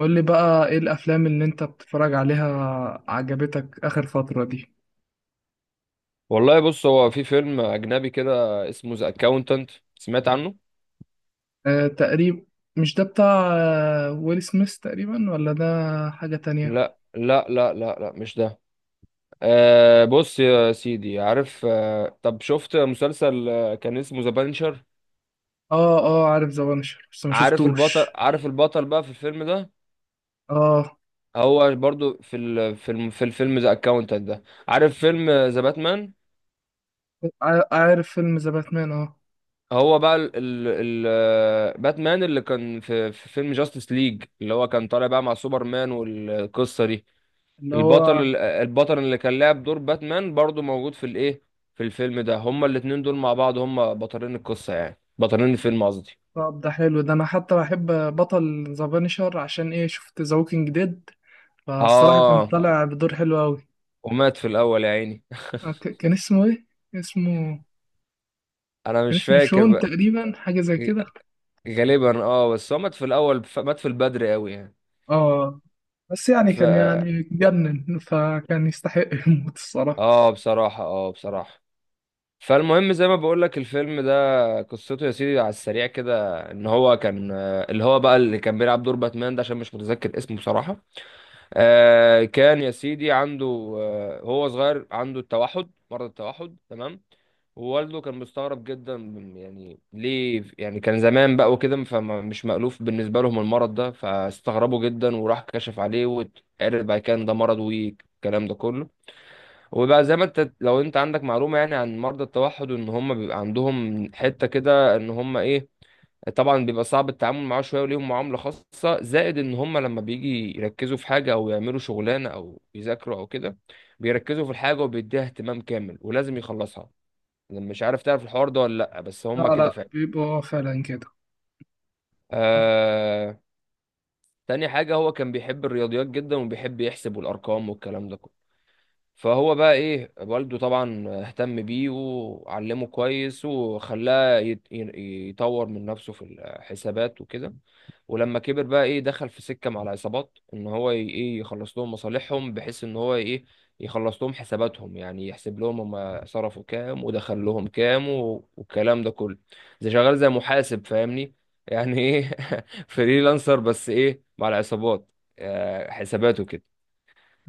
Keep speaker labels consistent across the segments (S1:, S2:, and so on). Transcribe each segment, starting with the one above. S1: قول لي بقى ايه الافلام اللي انت بتتفرج عليها عجبتك اخر فترة دي؟
S2: والله بص، هو في فيلم اجنبي كده اسمه ذا اكاونتنت. سمعت عنه؟
S1: أه، تقريبا. مش ده بتاع ويل سميث تقريبا ولا ده حاجة تانية؟
S2: لا لا لا لا لا، مش ده. آه بص يا سيدي، عارف؟ طب شفت مسلسل كان اسمه ذا بانشر؟
S1: اه اه، عارف ذا بانشر بس ما
S2: عارف البطل؟
S1: شفتوش.
S2: عارف البطل بقى في الفيلم ده؟
S1: اه،
S2: هو برضو في ال في الم في الفيلم ذا اكاونتنت ده. عارف فيلم ذا باتمان؟
S1: عارف فيلم ذا باتمان. اه،
S2: هو بقى باتمان اللي كان في فيلم جاستس ليج، اللي هو كان طالع بقى مع سوبرمان والقصة دي.
S1: اللي هو
S2: البطل اللي كان لعب دور باتمان برضو موجود في الايه، في الفيلم ده. هما الاتنين دول مع بعض هما بطلين القصة، يعني بطلين الفيلم قصدي.
S1: طب ده حلو، ده انا حتى بحب بطل ذا بانشر عشان ايه؟ شفت ذا ووكينج ديد، فالصراحة كان
S2: اه،
S1: طالع بدور حلو قوي.
S2: ومات في الاول يا عيني
S1: كان اسمه ايه؟ اسمه
S2: انا
S1: كان
S2: مش
S1: اسمه
S2: فاكر
S1: شون
S2: بقى.
S1: تقريبا، حاجة زي كده.
S2: غالبا اه، بس هو مات في الاول، مات في البدري قوي يعني.
S1: اه، بس يعني
S2: ف
S1: كان يعني جنن، فكان يستحق الموت الصراحة.
S2: اه بصراحة، اه بصراحة. فالمهم زي ما بقول لك، الفيلم ده قصته يا سيدي على السريع كده، ان هو كان اللي هو بقى اللي كان بيلعب دور باتمان ده، عشان مش متذكر اسمه بصراحة. آه، كان يا سيدي عنده، آه، هو صغير عنده التوحد، مرض التوحد، تمام؟ ووالده كان مستغرب جدا من، يعني ليه، يعني كان زمان بقى وكده، فمش مألوف بالنسبة لهم المرض ده، فاستغربوا جدا وراح كشف عليه واتعرف بقى كان ده مرض والكلام ده كله. وبقى زي ما انت، لو انت عندك معلومة يعني عن مرضى التوحد، ان هم بيبقى عندهم حتة كده ان هم ايه، طبعا بيبقى صعب التعامل معاه شويه وليهم معامله خاصه، زائد ان هم لما بيجي يركزوا في حاجه او يعملوا شغلانه او يذاكروا او كده، بيركزوا في الحاجه وبيديها اهتمام كامل ولازم يخلصها. أنا مش عارف تعرف الحوار ده ولا لا، بس
S1: لا
S2: هم كده
S1: لا،
S2: فعلا.
S1: بيبقى فعلا كده. آه،
S2: آه. تاني حاجه، هو كان بيحب الرياضيات جدا وبيحب يحسب والارقام والكلام ده كله. فهو بقى ايه، والده طبعا اهتم بيه وعلمه كويس وخلاه يطور من نفسه في الحسابات وكده. ولما كبر بقى ايه، دخل في سكة مع العصابات ان هو ي- ايه يخلص لهم مصالحهم، بحيث ان هو ايه، يخلص لهم حساباتهم، يعني يحسب لهم هم صرفوا كام ودخل لهم كام، والكلام ده كله. زي شغال زي محاسب، فاهمني؟ يعني ايه فريلانسر بس ايه مع العصابات. آه، حساباته كده.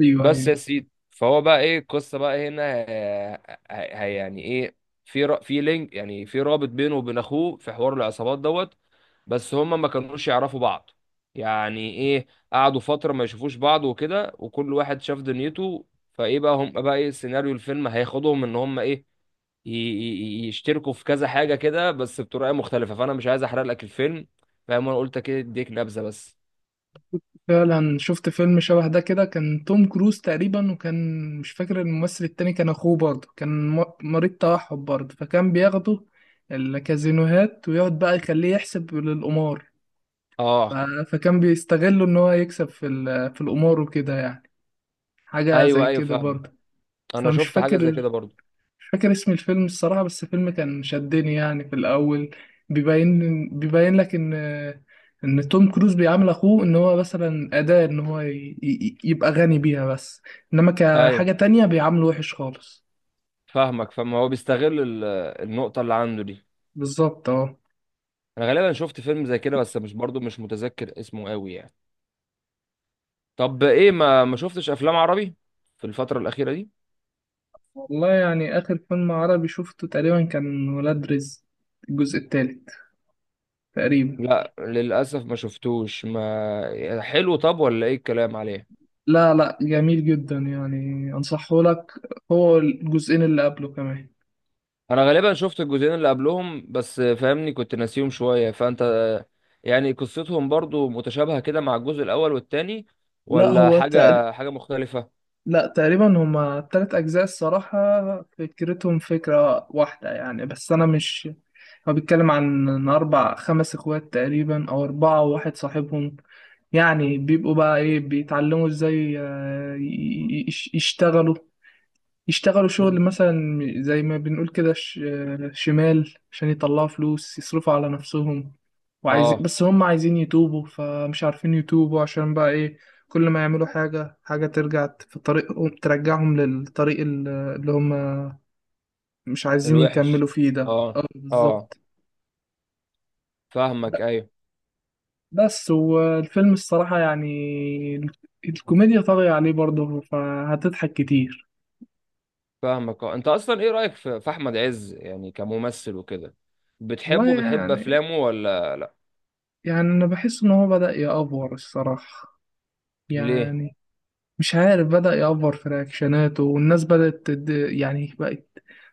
S1: ايوه
S2: بس
S1: ايوه،
S2: يا سيدي، فهو بقى ايه القصه بقى هنا، يعني ايه، في لينك، يعني في رابط بينه وبين اخوه في حوار العصابات دوت. بس هما ما كانوش يعرفوا بعض. يعني ايه، قعدوا فتره ما يشوفوش بعض وكده، وكل واحد شاف دنيته. فايه بقى، هم بقى ايه سيناريو الفيلم هياخدهم ان هم ايه، يشتركوا في كذا حاجه كده، بس بطريقه مختلفه، فانا مش عايز احرق لك الفيلم. فاهم؟ انا قلت كده اديك نبذه بس.
S1: فعلا شفت فيلم شبه ده كده، كان توم كروز تقريبا، وكان مش فاكر الممثل التاني، كان اخوه برضه، كان مريض توحد برضه، فكان بياخده الكازينوهات ويقعد بقى يخليه يحسب للقمار. ف-
S2: اه.
S1: فكان بيستغله ان هو يكسب في في القمار وكده يعني. حاجة زي
S2: ايوه ايوه
S1: كده
S2: فاهمك،
S1: برضه.
S2: انا
S1: فمش
S2: شفت حاجه
S1: فاكر.
S2: زي كده برضو.
S1: مش فاكر اسم الفيلم الصراحة، بس الفيلم كان شدني يعني في الأول. بيبين لك إن، إن توم كروز بيعامل أخوه إن هو مثلا أداة، إن هو يبقى غني بيها بس، إنما
S2: ايوه،
S1: كحاجة تانية بيعامله وحش خالص.
S2: فاهمك، فاهم هو بيستغل النقطة اللي عنده دي.
S1: بالظبط، أه.
S2: انا غالبا شفت فيلم زي كده، بس مش برضو مش متذكر اسمه قوي يعني. طب ايه، ما شفتش افلام عربي في الفترة الأخيرة دي؟
S1: والله يعني آخر فيلم عربي شفته تقريبا كان ولاد رزق، الجزء التالت تقريبا.
S2: لا للأسف ما شفتوش. ما حلو طب ولا ايه الكلام عليه؟
S1: لا لا، جميل جدا يعني، أنصحه لك. هو الجزئين اللي قبله كمان.
S2: انا غالبا شفت الجزئين اللي قبلهم بس، فاهمني؟ كنت ناسيهم شوية. فانت يعني قصتهم برضو متشابهة كده مع الجزء الأول والتاني؟
S1: لا
S2: ولا
S1: هو تقريبا،
S2: حاجة، مختلفة؟
S1: لا تقريبا، هما تلات أجزاء الصراحة، فكرتهم فكرة واحدة يعني، بس أنا مش. هو بيتكلم عن إن أربع خمس إخوات تقريبا، أو أربعة وواحد صاحبهم، يعني بيبقوا بقى إيه، بيتعلموا إزاي يشتغلوا. يشتغلوا شغل
S2: مم.
S1: مثلا زي ما بنقول كده، شمال، عشان يطلعوا فلوس يصرفوا على نفسهم، وعايزين،
S2: اه.
S1: بس هم عايزين يتوبوا، فمش عارفين يتوبوا، عشان بقى ايه كل ما يعملوا حاجة، حاجة ترجع في طريقهم، ترجعهم للطريق اللي هم مش عايزين
S2: الوحش.
S1: يكملوا فيه ده.
S2: اه.
S1: اه،
S2: اه
S1: بالظبط. ب-
S2: فاهمك. ايوه
S1: بس والفيلم الصراحة يعني، ال- الكوميديا طاغية عليه برضه، فهتضحك كتير.
S2: فاهمك، اه. انت اصلا ايه رايك في احمد عز يعني كممثل وكده؟
S1: والله
S2: بتحبه؟ بتحب
S1: يعني،
S2: افلامه ولا لا؟
S1: يعني أنا بحس إن هو بدأ يأفور الصراحة
S2: ليه؟
S1: يعني. مش عارف، بدأ يأفور في رياكشناته، والناس بدأت يعني بقت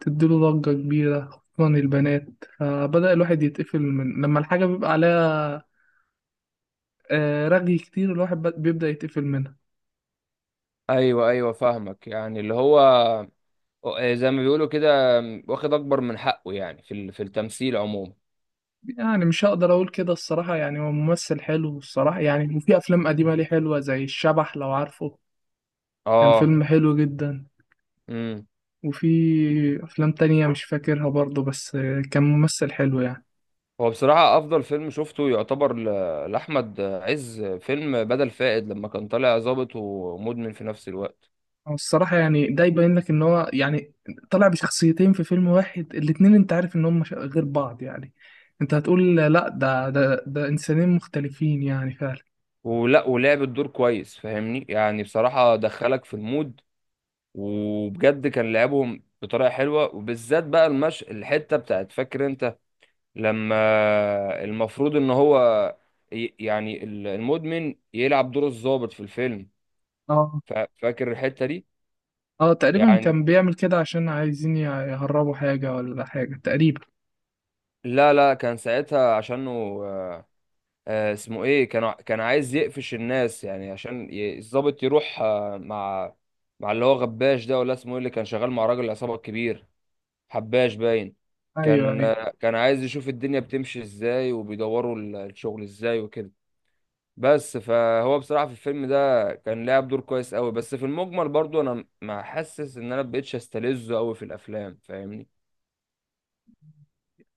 S1: تديله ضجة كبيرة خصوصا البنات، فبدأ الواحد يتقفل من لما الحاجة بيبقى عليها رغي كتير، الواحد بيبدأ يتقفل منها.
S2: ايوه ايوه فاهمك. يعني اللي هو زي ما بيقولوا كده، واخد اكبر من حقه يعني في في التمثيل عموما.
S1: يعني مش هقدر أقول كده الصراحة، يعني هو ممثل حلو الصراحة يعني، وفي أفلام قديمة ليه حلوة زي الشبح لو عارفه، كان
S2: اه.
S1: فيلم حلو جدا.
S2: امم.
S1: وفي أفلام تانية مش فاكرها برضه، بس كان ممثل حلو يعني.
S2: هو بصراحه افضل فيلم شفته يعتبر لاحمد عز فيلم بدل فائد، لما كان طالع ظابط ومدمن في نفس الوقت.
S1: هو الصراحة يعني ده يبين لك إن هو يعني طلع بشخصيتين في فيلم واحد، الاتنين أنت عارف إن هم غير بعض يعني، أنت هتقول لأ، ده إنسانين مختلفين يعني فعلا.
S2: ولا ولعب الدور كويس، فاهمني؟ يعني بصراحه دخلك في المود، وبجد كان لعبهم بطريقه حلوه، وبالذات بقى المش الحته بتاعت، فاكر انت؟ لما المفروض ان هو يعني المدمن يلعب دور الضابط في الفيلم.
S1: أه،
S2: فاكر الحته دي؟
S1: أه تقريبا
S2: يعني
S1: كان بيعمل كده عشان عايزين يهربوا حاجة ولا حاجة تقريبا.
S2: لا لا، كان ساعتها عشانه، آه، اسمه ايه، كان عايز يقفش الناس يعني، عشان الضابط يروح مع، مع اللي هو غباش ده ولا اسمه ايه، اللي كان شغال مع راجل العصابه الكبير. حباش باين.
S1: أيوه
S2: كان،
S1: أيوه،
S2: كان عايز يشوف الدنيا بتمشي ازاي، وبيدوروا الشغل ازاي وكده. بس فهو بصراحة في الفيلم ده كان لعب دور كويس قوي، بس في المجمل برضو انا ما حاسس ان انا مبقتش استلذه قوي في الافلام، فاهمني؟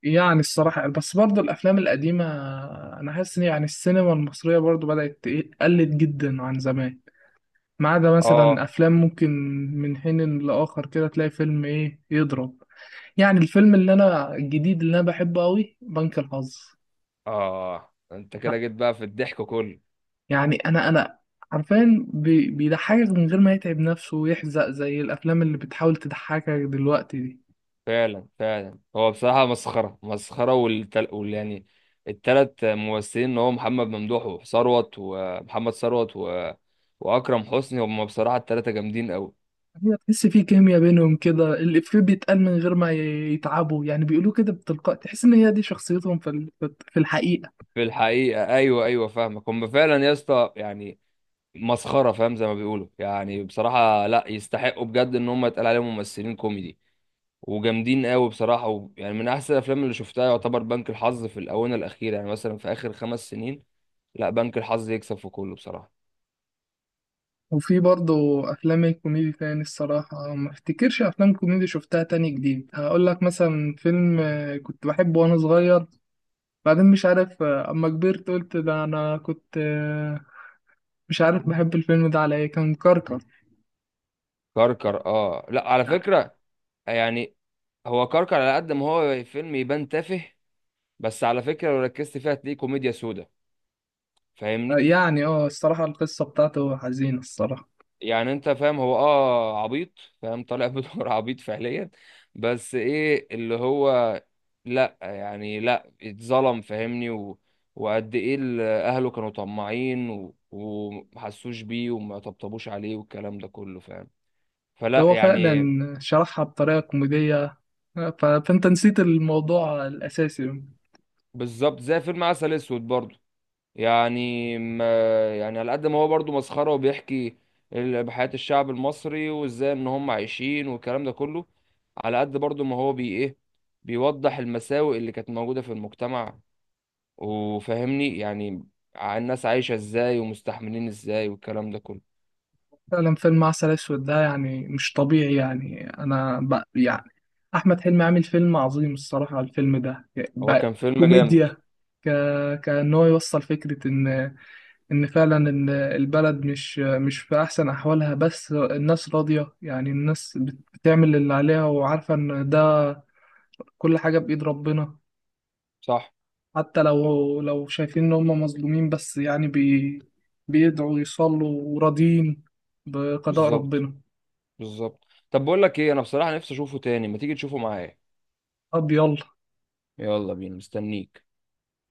S1: يعني الصراحة بس برضه الأفلام القديمة، أنا حاسس إن يعني السينما المصرية برضه بدأت قلت جدا عن زمان، ما عدا مثلا
S2: اه.
S1: أفلام ممكن من حين لآخر كده تلاقي فيلم إيه يضرب. يعني الفيلم اللي انا الجديد اللي انا بحبه قوي بنك الحظ.
S2: اه انت كده جيت بقى في الضحك كله.
S1: يعني انا عارفين بيضحكك من غير ما يتعب نفسه ويحزق زي الافلام اللي بتحاول تضحكك دلوقتي دي.
S2: فعلا فعلا، هو بصراحة مسخرة مسخرة، وال يعني، التلات ممثلين اللي هو محمد ممدوح وثروت ومحمد ثروت و... واكرم حسني، هم بصراحة التلاتة جامدين قوي.
S1: هي تحس في كيمياء بينهم كده، الإفيه بيتقال من غير ما يتعبوا، يعني بيقولوا كده بتلقاء، تحس ان هي دي شخصيتهم في في الحقيقة.
S2: في الحقيقة، أيوه أيوه فاهمك. هم فعلا يا اسطى يعني مسخرة، فاهم؟ زي ما بيقولوا يعني. بصراحة لا، يستحقوا بجد إن هم يتقال عليهم ممثلين كوميدي وجامدين قوي بصراحة. و... يعني من أحسن الأفلام اللي شفتها يعتبر بنك الحظ في الآونة الأخيرة، يعني مثلا في آخر 5 سنين. لا، بنك الحظ يكسب في كله بصراحة.
S1: وفي برضه افلام الكوميدي تاني الصراحة، ما افتكرش افلام كوميدي شفتها تاني جديد، هقول لك مثلا فيلم كنت بحبه وانا صغير، بعدين مش عارف اما كبرت قلت ده انا كنت مش عارف بحب الفيلم ده على ايه، كان كركر.
S2: كركر؟ اه، لا على فكرة يعني، هو كركر على قد ما هو فيلم يبان تافه، بس على فكرة لو ركزت فيها هتلاقيه كوميديا سودا،
S1: آه،
S2: فاهمني؟
S1: يعني اه الصراحة القصة بتاعته حزينة الصراحة.
S2: يعني انت فاهم، هو اه عبيط، فاهم؟ طالع بدور عبيط فعليا، بس ايه اللي هو، لا يعني لا، اتظلم فاهمني، و... وقد ايه اهله كانوا طماعين، و... ومحسوش بيه وما طبطبوش عليه والكلام ده كله، فاهم؟ فلا
S1: هو فعلا
S2: يعني.
S1: شرحها بطريقة كوميدية فانت نسيت الموضوع الاساسي.
S2: بالظبط زي فيلم عسل اسود برضه. يعني ما يعني على قد ما هو برضو مسخرة وبيحكي بحياة الشعب المصري وازاي ان هم عايشين والكلام ده كله، على قد برضو ما هو بي ايه، بيوضح المساوئ اللي كانت موجودة في المجتمع، وفهمني يعني، الناس عايشة ازاي ومستحملين ازاي والكلام ده كله.
S1: فعلا فيلم عسل اسود ده يعني مش طبيعي، يعني انا يعني احمد حلمي عامل فيلم عظيم الصراحة على الفيلم ده.
S2: هو
S1: ب...
S2: كان فيلم جامد.
S1: كوميديا. ك... كان هو يوصل فكرة ان، ان فعلا البلد مش في احسن احوالها، بس الناس راضية، يعني الناس بتعمل اللي عليها وعارفة ان ده كل حاجة بإيد ربنا.
S2: صح.
S1: حتى لو شايفين ان هم مظلومين، بس يعني بيدعوا يصلوا وراضيين بقضاء
S2: بالظبط،
S1: ربنا.
S2: بالظبط. طب بقول لك ايه، انا بصراحة نفسي اشوفه تاني، ما تيجي تشوفه معايا.
S1: طب يلا.
S2: يلا بينا، مستنيك.